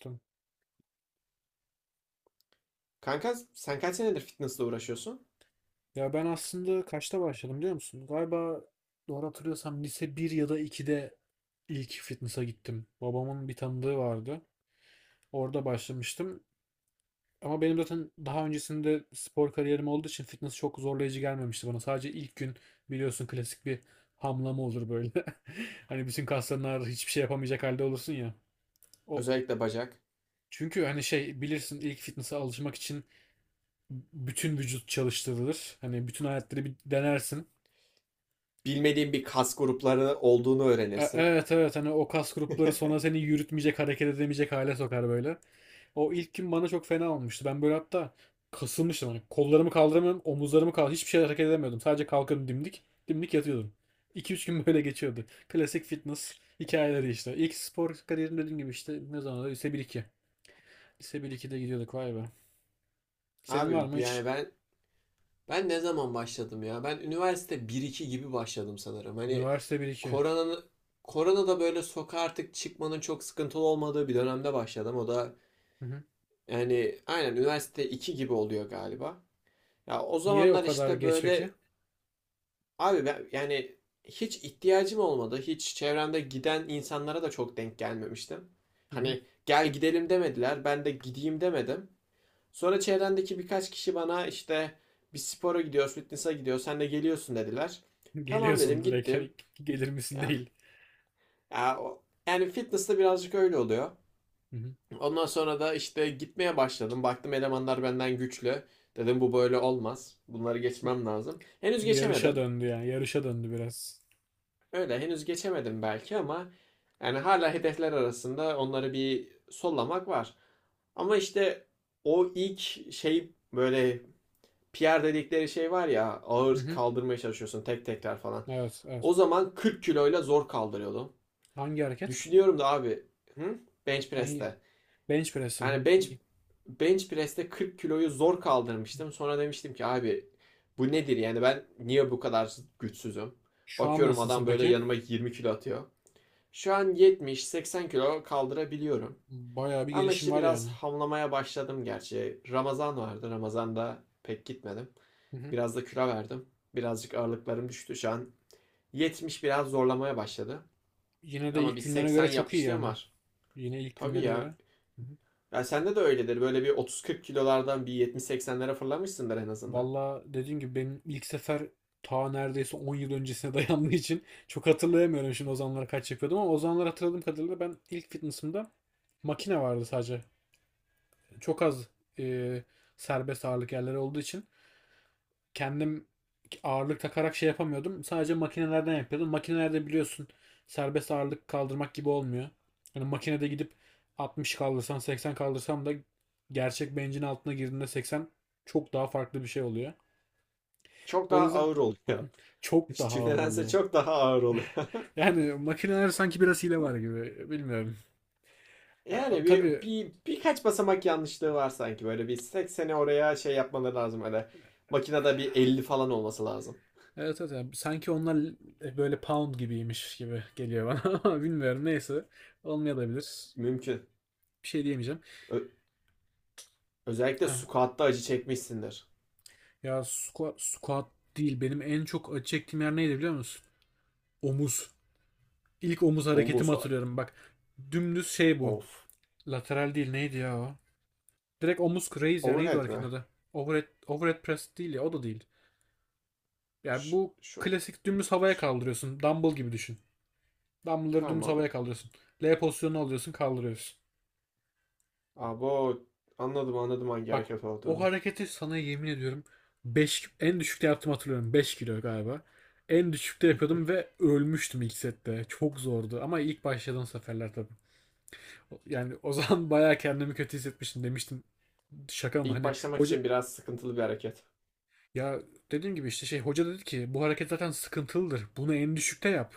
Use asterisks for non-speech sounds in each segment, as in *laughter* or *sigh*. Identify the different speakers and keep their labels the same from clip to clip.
Speaker 1: Tamam.
Speaker 2: Kanka sen kaç senedir fitnessle uğraşıyorsun?
Speaker 1: Ya ben aslında kaçta başladım biliyor musun? Galiba doğru hatırlıyorsam lise bir ya da 2'de ilk fitness'a gittim. Babamın bir tanıdığı vardı. Orada başlamıştım. Ama benim zaten daha öncesinde spor kariyerim olduğu için fitness çok zorlayıcı gelmemişti bana. Sadece ilk gün biliyorsun klasik bir hamlama olur böyle. *laughs* Hani bütün kasların ağrır, hiçbir şey yapamayacak halde olursun ya. O
Speaker 2: Özellikle bacak.
Speaker 1: çünkü hani şey bilirsin ilk fitness'a alışmak için bütün vücut çalıştırılır. Hani bütün aletleri bir denersin.
Speaker 2: Bilmediğin bir kas grupları olduğunu öğrenirsin.
Speaker 1: Evet, evet, hani o kas grupları sonra
Speaker 2: *laughs*
Speaker 1: seni yürütmeyecek, hareket edemeyecek hale sokar böyle. O ilk gün bana çok fena olmuştu. Ben böyle hatta kasılmıştım, hani kollarımı kaldıramıyorum, omuzlarımı kaldı, hiçbir şey hareket edemiyordum. Sadece kalkıyordum, dimdik dimdik yatıyordum. *laughs* 2 üç gün böyle geçiyordu. Klasik fitness hikayeleri işte. İlk spor kariyerim dediğim gibi işte ne zaman da lise 1-2. Lise 1-2'de gidiyorduk, vay be. Senin var
Speaker 2: Abi
Speaker 1: mı
Speaker 2: yani
Speaker 1: hiç?
Speaker 2: ben ben ne zaman başladım ya? Ben üniversite bir iki gibi başladım sanırım. Hani
Speaker 1: Üniversite bir iki?
Speaker 2: koronanın korona da böyle sokağa artık çıkmanın çok sıkıntılı olmadığı bir dönemde başladım. O da
Speaker 1: Hı hı.
Speaker 2: yani aynen üniversite 2 gibi oluyor galiba. Ya o
Speaker 1: Niye o
Speaker 2: zamanlar
Speaker 1: kadar
Speaker 2: işte
Speaker 1: geç peki?
Speaker 2: böyle. Ben yani hiç ihtiyacım olmadı. Hiç çevremde giden insanlara da çok denk gelmemiştim.
Speaker 1: Hı hı.
Speaker 2: Hani gel gidelim demediler. Ben de gideyim demedim. Sonra çevrendeki birkaç kişi bana işte bir spora gidiyoruz, fitness'a gidiyoruz. Sen de geliyorsun dediler.
Speaker 1: *laughs*
Speaker 2: Tamam
Speaker 1: Geliyorsun
Speaker 2: dedim
Speaker 1: direkt, hani
Speaker 2: gittim.
Speaker 1: gelir misin
Speaker 2: Ya,
Speaker 1: değil.
Speaker 2: ya, yani fitness'ta birazcık öyle oluyor.
Speaker 1: Hı hı.
Speaker 2: Ondan sonra da işte gitmeye başladım. Baktım elemanlar benden güçlü. Dedim bu böyle olmaz. Bunları geçmem lazım. Henüz
Speaker 1: Bir yarışa
Speaker 2: geçemedim.
Speaker 1: döndü yani. Yarışa döndü biraz.
Speaker 2: Öyle henüz geçemedim belki ama yani hala hedefler arasında onları bir sollamak var. Ama işte o ilk şey böyle PR dedikleri şey var ya,
Speaker 1: Hı
Speaker 2: ağır
Speaker 1: hı.
Speaker 2: kaldırmaya çalışıyorsun, tek tekrar falan.
Speaker 1: Evet,
Speaker 2: O
Speaker 1: evet.
Speaker 2: zaman 40 kiloyla zor kaldırıyordum.
Speaker 1: Hangi hareket?
Speaker 2: Düşünüyorum da abi. Hı? Bench
Speaker 1: Hangi?
Speaker 2: press'te.
Speaker 1: Bench
Speaker 2: Yani
Speaker 1: press'im.
Speaker 2: bench
Speaker 1: İyi.
Speaker 2: bench press'te 40 kiloyu zor kaldırmıştım. Sonra demiştim ki abi, bu nedir yani, ben niye bu kadar güçsüzüm?
Speaker 1: Şu an
Speaker 2: Bakıyorum
Speaker 1: nasılsın
Speaker 2: adam böyle
Speaker 1: peki?
Speaker 2: yanıma 20 kilo atıyor. Şu an 70-80 kilo kaldırabiliyorum.
Speaker 1: Bayağı bir
Speaker 2: Ama
Speaker 1: gelişim
Speaker 2: işte
Speaker 1: var
Speaker 2: biraz
Speaker 1: yani.
Speaker 2: hamlamaya başladım gerçi. Ramazan vardı. Ramazan'da pek gitmedim.
Speaker 1: Hı hı.
Speaker 2: Biraz da kilo verdim. Birazcık ağırlıklarım düştü. Şu an 70 biraz zorlamaya başladı.
Speaker 1: Yine de
Speaker 2: Ama
Speaker 1: ilk
Speaker 2: bir
Speaker 1: günlerine
Speaker 2: 80
Speaker 1: göre çok iyi
Speaker 2: yapmışlığım
Speaker 1: yani.
Speaker 2: var.
Speaker 1: Yine ilk
Speaker 2: Tabii
Speaker 1: günlerine
Speaker 2: ya.
Speaker 1: göre. Hı hı.
Speaker 2: Ya sende de öyledir. Böyle bir 30-40 kilolardan bir 70-80'lere fırlamışsındır en azından.
Speaker 1: Valla dediğim gibi benim ilk sefer ta neredeyse 10 yıl öncesine *laughs* dayandığı için çok hatırlayamıyorum şimdi o zamanlar kaç yapıyordum, ama o zamanlar hatırladığım kadarıyla ben ilk fitness'ımda makine vardı sadece. Çok az e, serbest ağırlık yerleri olduğu için kendim ağırlık takarak şey yapamıyordum. Sadece makinelerden yapıyordum. Makinelerde biliyorsun serbest ağırlık kaldırmak gibi olmuyor. Hani makinede gidip 60 kaldırsan, 80 kaldırsam da gerçek bencin altına girdiğinde 80 çok daha farklı bir şey oluyor.
Speaker 2: Çok
Speaker 1: O
Speaker 2: daha
Speaker 1: yüzden
Speaker 2: ağır oluyor.
Speaker 1: çok
Speaker 2: *laughs*
Speaker 1: daha ağır
Speaker 2: Nedense
Speaker 1: oluyor.
Speaker 2: çok daha ağır oluyor.
Speaker 1: *laughs* Yani makineler sanki biraz hile var gibi. Bilmiyorum. Ya,
Speaker 2: Yani bir,
Speaker 1: tabii,
Speaker 2: bir birkaç basamak yanlışlığı var sanki, böyle bir 80'e oraya şey yapmaları lazım öyle. Makinede bir 50 falan olması lazım.
Speaker 1: evet, evet. Yani sanki onlar böyle pound gibiymiş gibi geliyor bana, *laughs* ama bilmiyorum. Neyse. Olmayabilir.
Speaker 2: Mümkün.
Speaker 1: Bir şey diyemeyeceğim.
Speaker 2: Ö- Özellikle
Speaker 1: Ha,
Speaker 2: squat'ta acı çekmişsindir.
Speaker 1: ya squat değil. Benim en çok acı çektiğim yer neydi biliyor musun? Omuz. İlk omuz hareketimi
Speaker 2: Omuz,
Speaker 1: hatırlıyorum. Bak, dümdüz şey bu.
Speaker 2: of.
Speaker 1: Lateral değil, neydi ya o? Direkt omuz raise ya, neydi o
Speaker 2: Overhead
Speaker 1: hareketin
Speaker 2: mi?
Speaker 1: adı? Overhead press değil ya, o da değil. Yani
Speaker 2: Ş-
Speaker 1: bu
Speaker 2: şu,
Speaker 1: klasik dümdüz havaya
Speaker 2: ş-
Speaker 1: kaldırıyorsun. Dumbbell gibi düşün. Dumbbell'ları dümdüz
Speaker 2: tamam.
Speaker 1: havaya kaldırıyorsun. L pozisyonunu alıyorsun, kaldırıyorsun.
Speaker 2: Abo, anladım anladım hangi
Speaker 1: Bak,
Speaker 2: hareket
Speaker 1: o
Speaker 2: olduğunu.
Speaker 1: hareketi sana yemin ediyorum 5 en düşükte yaptım, hatırlıyorum 5 kilo galiba. En düşükte yapıyordum ve ölmüştüm ilk sette. Çok zordu ama ilk başladığım seferler tabii. Yani o zaman *laughs* bayağı kendimi kötü hissetmiştim, demiştim. Şaka mı
Speaker 2: İlk
Speaker 1: hani
Speaker 2: başlamak
Speaker 1: hoca,
Speaker 2: için biraz sıkıntılı bir hareket.
Speaker 1: ya dediğim gibi işte şey, hoca dedi ki bu hareket zaten sıkıntılıdır. Bunu en düşükte yap.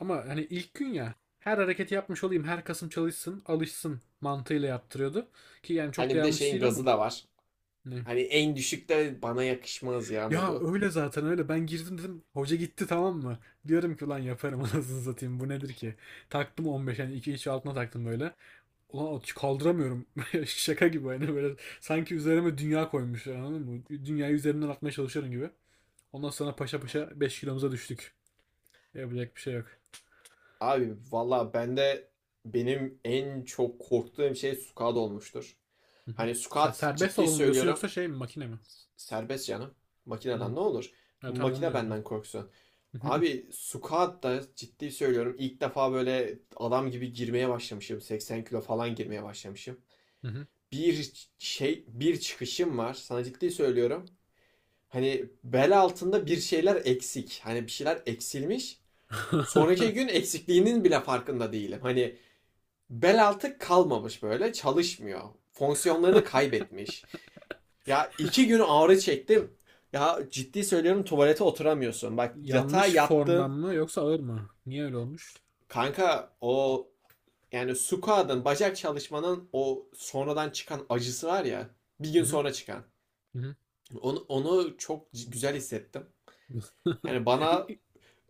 Speaker 1: Ama hani ilk gün ya, her hareketi yapmış olayım, her kasım çalışsın alışsın mantığıyla yaptırıyordu. Ki yani çok da
Speaker 2: Hani bir de
Speaker 1: yanlış
Speaker 2: şeyin
Speaker 1: değil ama.
Speaker 2: gazı da var.
Speaker 1: Ne?
Speaker 2: Hani en düşükte bana yakışmaz ya
Speaker 1: Ya
Speaker 2: modu.
Speaker 1: öyle zaten, öyle. Ben girdim, dedim. Hoca gitti, tamam mı? Diyorum ki ulan yaparım, *laughs* anasını satayım. Bu nedir ki? Taktım 15, yani 2 içi altına taktım böyle. Ulan kaldıramıyorum. *laughs* Şaka gibi, hani böyle. Sanki üzerime dünya koymuşlar, anladın mı? Dünyayı üzerimden atmaya çalışıyorum gibi. Ondan sonra paşa paşa 5 kilomuza düştük. Yapacak bir şey yok.
Speaker 2: Abi valla benim en çok korktuğum şey squat olmuştur.
Speaker 1: Hı hı.
Speaker 2: Hani
Speaker 1: Sen
Speaker 2: squat,
Speaker 1: serbest
Speaker 2: ciddi
Speaker 1: olalım diyorsun yoksa
Speaker 2: söylüyorum,
Speaker 1: şey mi, makine mi?
Speaker 2: serbest canım.
Speaker 1: Hı.
Speaker 2: Makineden ne olur?
Speaker 1: Ya tamam, onu
Speaker 2: Makine
Speaker 1: diyorum ben.
Speaker 2: benden korksun.
Speaker 1: *laughs*
Speaker 2: Abi squat da ciddi söylüyorum, İlk defa böyle adam gibi girmeye başlamışım. 80 kilo falan girmeye başlamışım.
Speaker 1: Hı hı.
Speaker 2: Bir Bir çıkışım var, sana ciddi söylüyorum. Hani bel altında bir şeyler eksik. Hani bir şeyler eksilmiş.
Speaker 1: *laughs*
Speaker 2: Sonraki gün eksikliğinin bile farkında değilim. Hani bel altı kalmamış, böyle çalışmıyor. Fonksiyonlarını kaybetmiş. Ya 2 gün ağrı çektim. Ya ciddi söylüyorum, tuvalete oturamıyorsun. Bak, yatağa
Speaker 1: Yanlış formdan
Speaker 2: yattın.
Speaker 1: mı yoksa ağır mı? Niye öyle olmuş?
Speaker 2: Kanka o, yani squat'ın bacak çalışmanın o sonradan çıkan acısı var ya. Bir
Speaker 1: Hı
Speaker 2: gün
Speaker 1: hı.
Speaker 2: sonra çıkan. Onu çok güzel hissettim. Yani bana
Speaker 1: *laughs*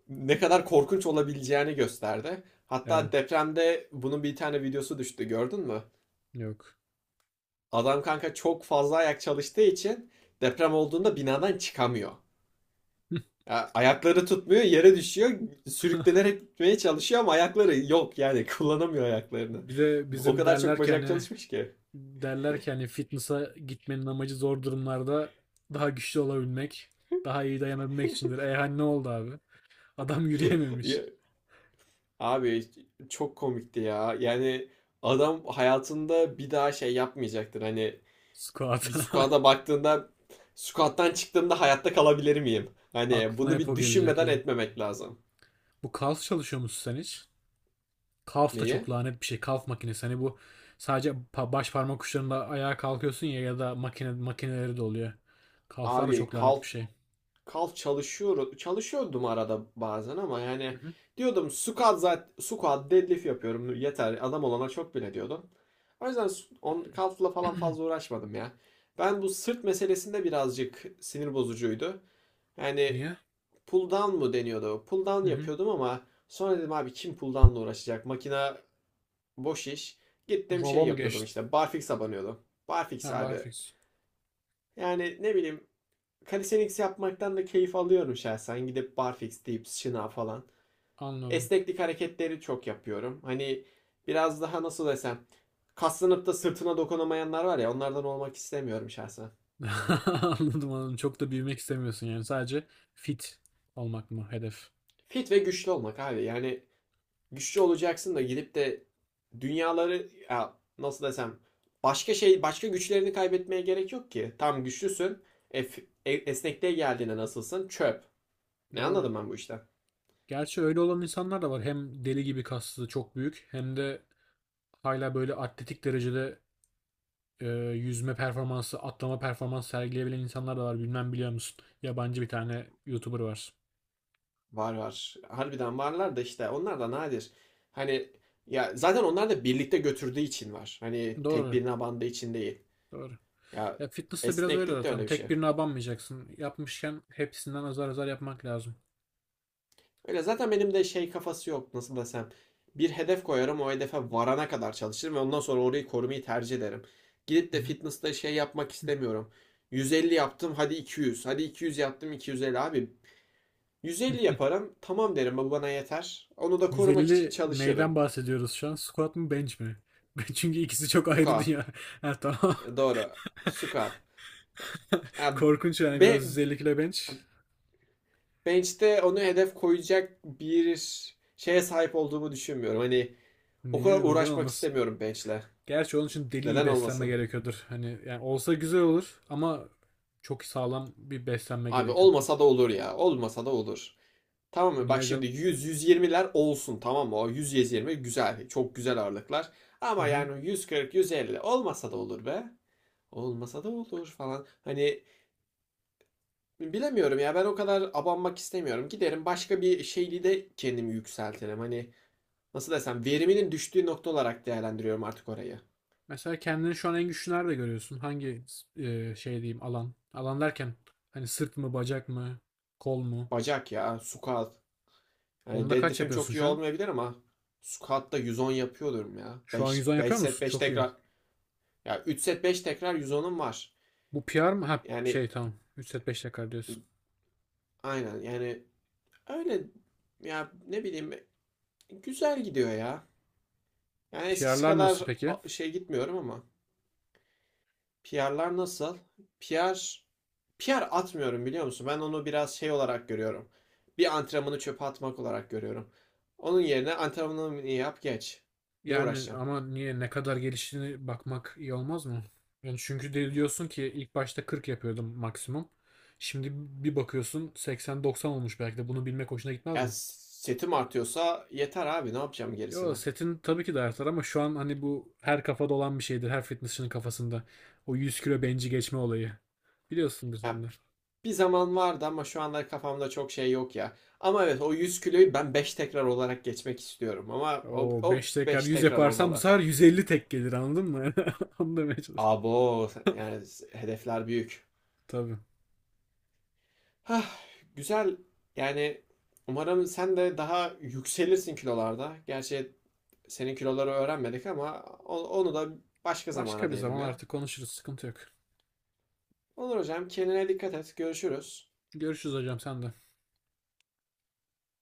Speaker 2: ne kadar korkunç olabileceğini gösterdi.
Speaker 1: Evet,
Speaker 2: Hatta depremde bunun bir tane videosu düştü, gördün mü?
Speaker 1: yok.
Speaker 2: Adam kanka çok fazla ayak çalıştığı için deprem olduğunda binadan çıkamıyor. Ya ayakları tutmuyor, yere düşüyor.
Speaker 1: *laughs*
Speaker 2: Sürüklenerek gitmeye çalışıyor ama ayakları yok yani *laughs* kullanamıyor ayaklarını.
Speaker 1: Bir de
Speaker 2: O
Speaker 1: bizim
Speaker 2: kadar çok
Speaker 1: derler ki
Speaker 2: bacak
Speaker 1: hani
Speaker 2: çalışmış ki.
Speaker 1: derler ki hani fitness'a gitmenin amacı zor durumlarda daha güçlü olabilmek, daha iyi dayanabilmek içindir. E hani ne oldu abi? Adam yürüyememiş
Speaker 2: Ya- Abi çok komikti ya. Yani adam hayatında bir daha şey yapmayacaktır. Hani bir
Speaker 1: squat'a. *laughs*
Speaker 2: squat'a baktığında, squat'tan çıktığımda hayatta kalabilir miyim, hani
Speaker 1: Aklına
Speaker 2: bunu
Speaker 1: hep
Speaker 2: bir
Speaker 1: o gelecek
Speaker 2: düşünmeden
Speaker 1: ya.
Speaker 2: etmemek lazım.
Speaker 1: Bu calf çalışıyor musun sen hiç? Calf da
Speaker 2: Neyi?
Speaker 1: çok lanet bir şey. Calf makinesi. Hani bu sadece baş parmak uçlarında ayağa kalkıyorsun ya, ya da makineleri de oluyor. Calf'lar da
Speaker 2: Abi,
Speaker 1: çok lanet bir şey.
Speaker 2: kal çalışıyorum. Çalışıyordum arada bazen ama
Speaker 1: Hı
Speaker 2: yani
Speaker 1: hı.
Speaker 2: diyordum squat, zaten squat deadlift yapıyorum, yeter adam olana çok bile diyordum. O yüzden kalfla falan fazla
Speaker 1: *clears throat*
Speaker 2: uğraşmadım ya. Ben bu sırt meselesinde birazcık sinir bozucuydu. Yani
Speaker 1: Niye?
Speaker 2: pull down mu deniyordu? Pull down
Speaker 1: Hı hı.
Speaker 2: yapıyordum ama sonra dedim abi, kim pull down'la uğraşacak? Makina, boş iş. Gittim şey
Speaker 1: Rob'a mı
Speaker 2: yapıyordum,
Speaker 1: geçtin?
Speaker 2: işte barfix'e banıyordum. Barfix
Speaker 1: Ha,
Speaker 2: abi.
Speaker 1: barfix.
Speaker 2: Yani ne bileyim, calisthenics yapmaktan da keyif alıyorum şahsen. Gidip barfix deyip şınav falan.
Speaker 1: Anladım.
Speaker 2: Esneklik hareketleri çok yapıyorum. Hani biraz daha nasıl desem, kaslanıp da sırtına dokunamayanlar var ya, onlardan olmak istemiyorum şahsen.
Speaker 1: *laughs* Anladım, anladım. Çok da büyümek istemiyorsun yani. Sadece fit olmak mı hedef?
Speaker 2: Fit ve güçlü olmak abi. Yani güçlü olacaksın da gidip de dünyaları, ya nasıl desem, başka güçlerini kaybetmeye gerek yok ki. Tam güçlüsün. Esnekliğe geldiğinde nasılsın? Çöp. Ne
Speaker 1: Doğru.
Speaker 2: anladım ben bu işten?
Speaker 1: Gerçi öyle olan insanlar da var. Hem deli gibi kaslı, çok büyük, hem de hala böyle atletik derecede e, yüzme performansı, atlama performansı sergileyebilen insanlar da var. Bilmem, biliyor musun? Yabancı bir tane YouTuber var.
Speaker 2: Var var. Harbiden varlar da işte, onlar da nadir. Hani ya zaten onlar da birlikte götürdüğü için var. Hani tek
Speaker 1: Doğru.
Speaker 2: birine bandığı için değil.
Speaker 1: Doğru.
Speaker 2: Ya
Speaker 1: Ya fitness de biraz öyle
Speaker 2: esneklik de
Speaker 1: zaten.
Speaker 2: öyle bir şey.
Speaker 1: Tek birine abanmayacaksın. Yapmışken hepsinden azar azar yapmak lazım.
Speaker 2: Öyle zaten benim de şey kafası yok, nasıl desem. Bir hedef koyarım, o hedefe varana kadar çalışırım ve ondan sonra orayı korumayı tercih ederim. Gidip
Speaker 1: Hı
Speaker 2: de
Speaker 1: hı.
Speaker 2: fitness'ta şey yapmak istemiyorum. 150 yaptım, hadi 200. Hadi 200 yaptım, 250 abi. 150 yaparım, tamam derim, bu bana yeter. Onu da korumak için
Speaker 1: 150
Speaker 2: çalışırım.
Speaker 1: neyden bahsediyoruz şu an? Squat mı bench mi? *laughs* Çünkü ikisi çok ayrı
Speaker 2: Squat.
Speaker 1: dünya. *laughs* Ha, tamam.
Speaker 2: Doğru. Squat. Ha,
Speaker 1: *laughs* Korkunç yani,
Speaker 2: be,
Speaker 1: biraz 150 kilo bench.
Speaker 2: Bench'te onu hedef koyacak bir şeye sahip olduğumu düşünmüyorum. Hani o kadar
Speaker 1: Niye? Neden
Speaker 2: uğraşmak
Speaker 1: olmasın?
Speaker 2: istemiyorum bench'le.
Speaker 1: Gerçi onun için deli iyi
Speaker 2: Neden
Speaker 1: beslenme
Speaker 2: olmasın?
Speaker 1: gerekiyordur. Hani yani olsa güzel olur ama çok sağlam bir beslenme
Speaker 2: Abi
Speaker 1: gerekiyordur.
Speaker 2: olmasa da olur ya. Olmasa da olur. Tamam mı?
Speaker 1: Niye
Speaker 2: Bak,
Speaker 1: hocam?
Speaker 2: şimdi 100-120'ler olsun tamam mı? O 100-120 güzel. Çok güzel ağırlıklar.
Speaker 1: Hı
Speaker 2: Ama
Speaker 1: hı.
Speaker 2: yani 140-150 olmasa da olur be. Olmasa da olur falan. Hani bilemiyorum ya, ben o kadar abanmak istemiyorum. Giderim başka bir şeyli de kendimi yükseltirim. Hani nasıl desem, veriminin düştüğü nokta olarak değerlendiriyorum artık orayı.
Speaker 1: Mesela kendini şu an en güçlü nerede görüyorsun? Hangi şey diyeyim, alan? Alan derken hani sırt mı, bacak mı, kol mu?
Speaker 2: Bacak ya, squat. Hani
Speaker 1: Onda kaç
Speaker 2: deadlift'im
Speaker 1: yapıyorsun
Speaker 2: çok iyi
Speaker 1: şu an?
Speaker 2: olmayabilir ama squat'ta 110 yapıyordum ya.
Speaker 1: Şu an
Speaker 2: beş
Speaker 1: 110
Speaker 2: beş
Speaker 1: yapıyor
Speaker 2: set
Speaker 1: musun?
Speaker 2: 5
Speaker 1: Çok iyi.
Speaker 2: tekrar. Ya 3 set 5 tekrar 110'um var.
Speaker 1: Bu PR mı? Ha
Speaker 2: Yani
Speaker 1: şey, tamam. 3 set 5 dakika diyorsun.
Speaker 2: aynen yani, öyle ya ne bileyim, güzel gidiyor ya. Yani eskisi
Speaker 1: PR'lar
Speaker 2: kadar
Speaker 1: nasıl peki?
Speaker 2: şey gitmiyorum ama. PR'lar nasıl? PR PR atmıyorum biliyor musun? Ben onu biraz şey olarak görüyorum. Bir antrenmanı çöpe atmak olarak görüyorum. Onun yerine antrenmanını yap geç. Niye
Speaker 1: Yani
Speaker 2: uğraşacağım?
Speaker 1: ama niye ne kadar geliştiğini bakmak iyi olmaz mı? Yani çünkü de diyorsun ki ilk başta 40 yapıyordum maksimum. Şimdi bir bakıyorsun 80-90 olmuş, belki de bunu bilmek hoşuna gitmez
Speaker 2: Ya
Speaker 1: mi?
Speaker 2: setim artıyorsa yeter abi, ne yapacağım
Speaker 1: Yo,
Speaker 2: gerisine?
Speaker 1: setin tabii ki de artar ama şu an hani bu her kafada olan bir şeydir. Her fitnessçinin kafasında. O 100 kilo benci geçme olayı. Biliyorsun sen
Speaker 2: Ya
Speaker 1: de.
Speaker 2: bir zaman vardı ama şu anlar kafamda çok şey yok ya. Ama evet, o 100 kiloyu ben 5 tekrar olarak geçmek istiyorum. Ama
Speaker 1: O
Speaker 2: o
Speaker 1: 5 tekrar
Speaker 2: 5
Speaker 1: 100
Speaker 2: tekrar
Speaker 1: yaparsan bu
Speaker 2: olmalı.
Speaker 1: sefer 150 tek gelir, anladın mı? *laughs* Onu demeye çalışıyorum.
Speaker 2: Abo yani, hedefler büyük.
Speaker 1: Tabii.
Speaker 2: Hah, güzel. Yani umarım sen de daha yükselirsin kilolarda. Gerçi senin kiloları öğrenmedik ama onu da başka zamana
Speaker 1: Başka bir
Speaker 2: diyelim
Speaker 1: zaman
Speaker 2: ya.
Speaker 1: artık konuşuruz. Sıkıntı yok.
Speaker 2: Olur hocam, kendine dikkat et. Görüşürüz.
Speaker 1: Görüşürüz hocam, sen de.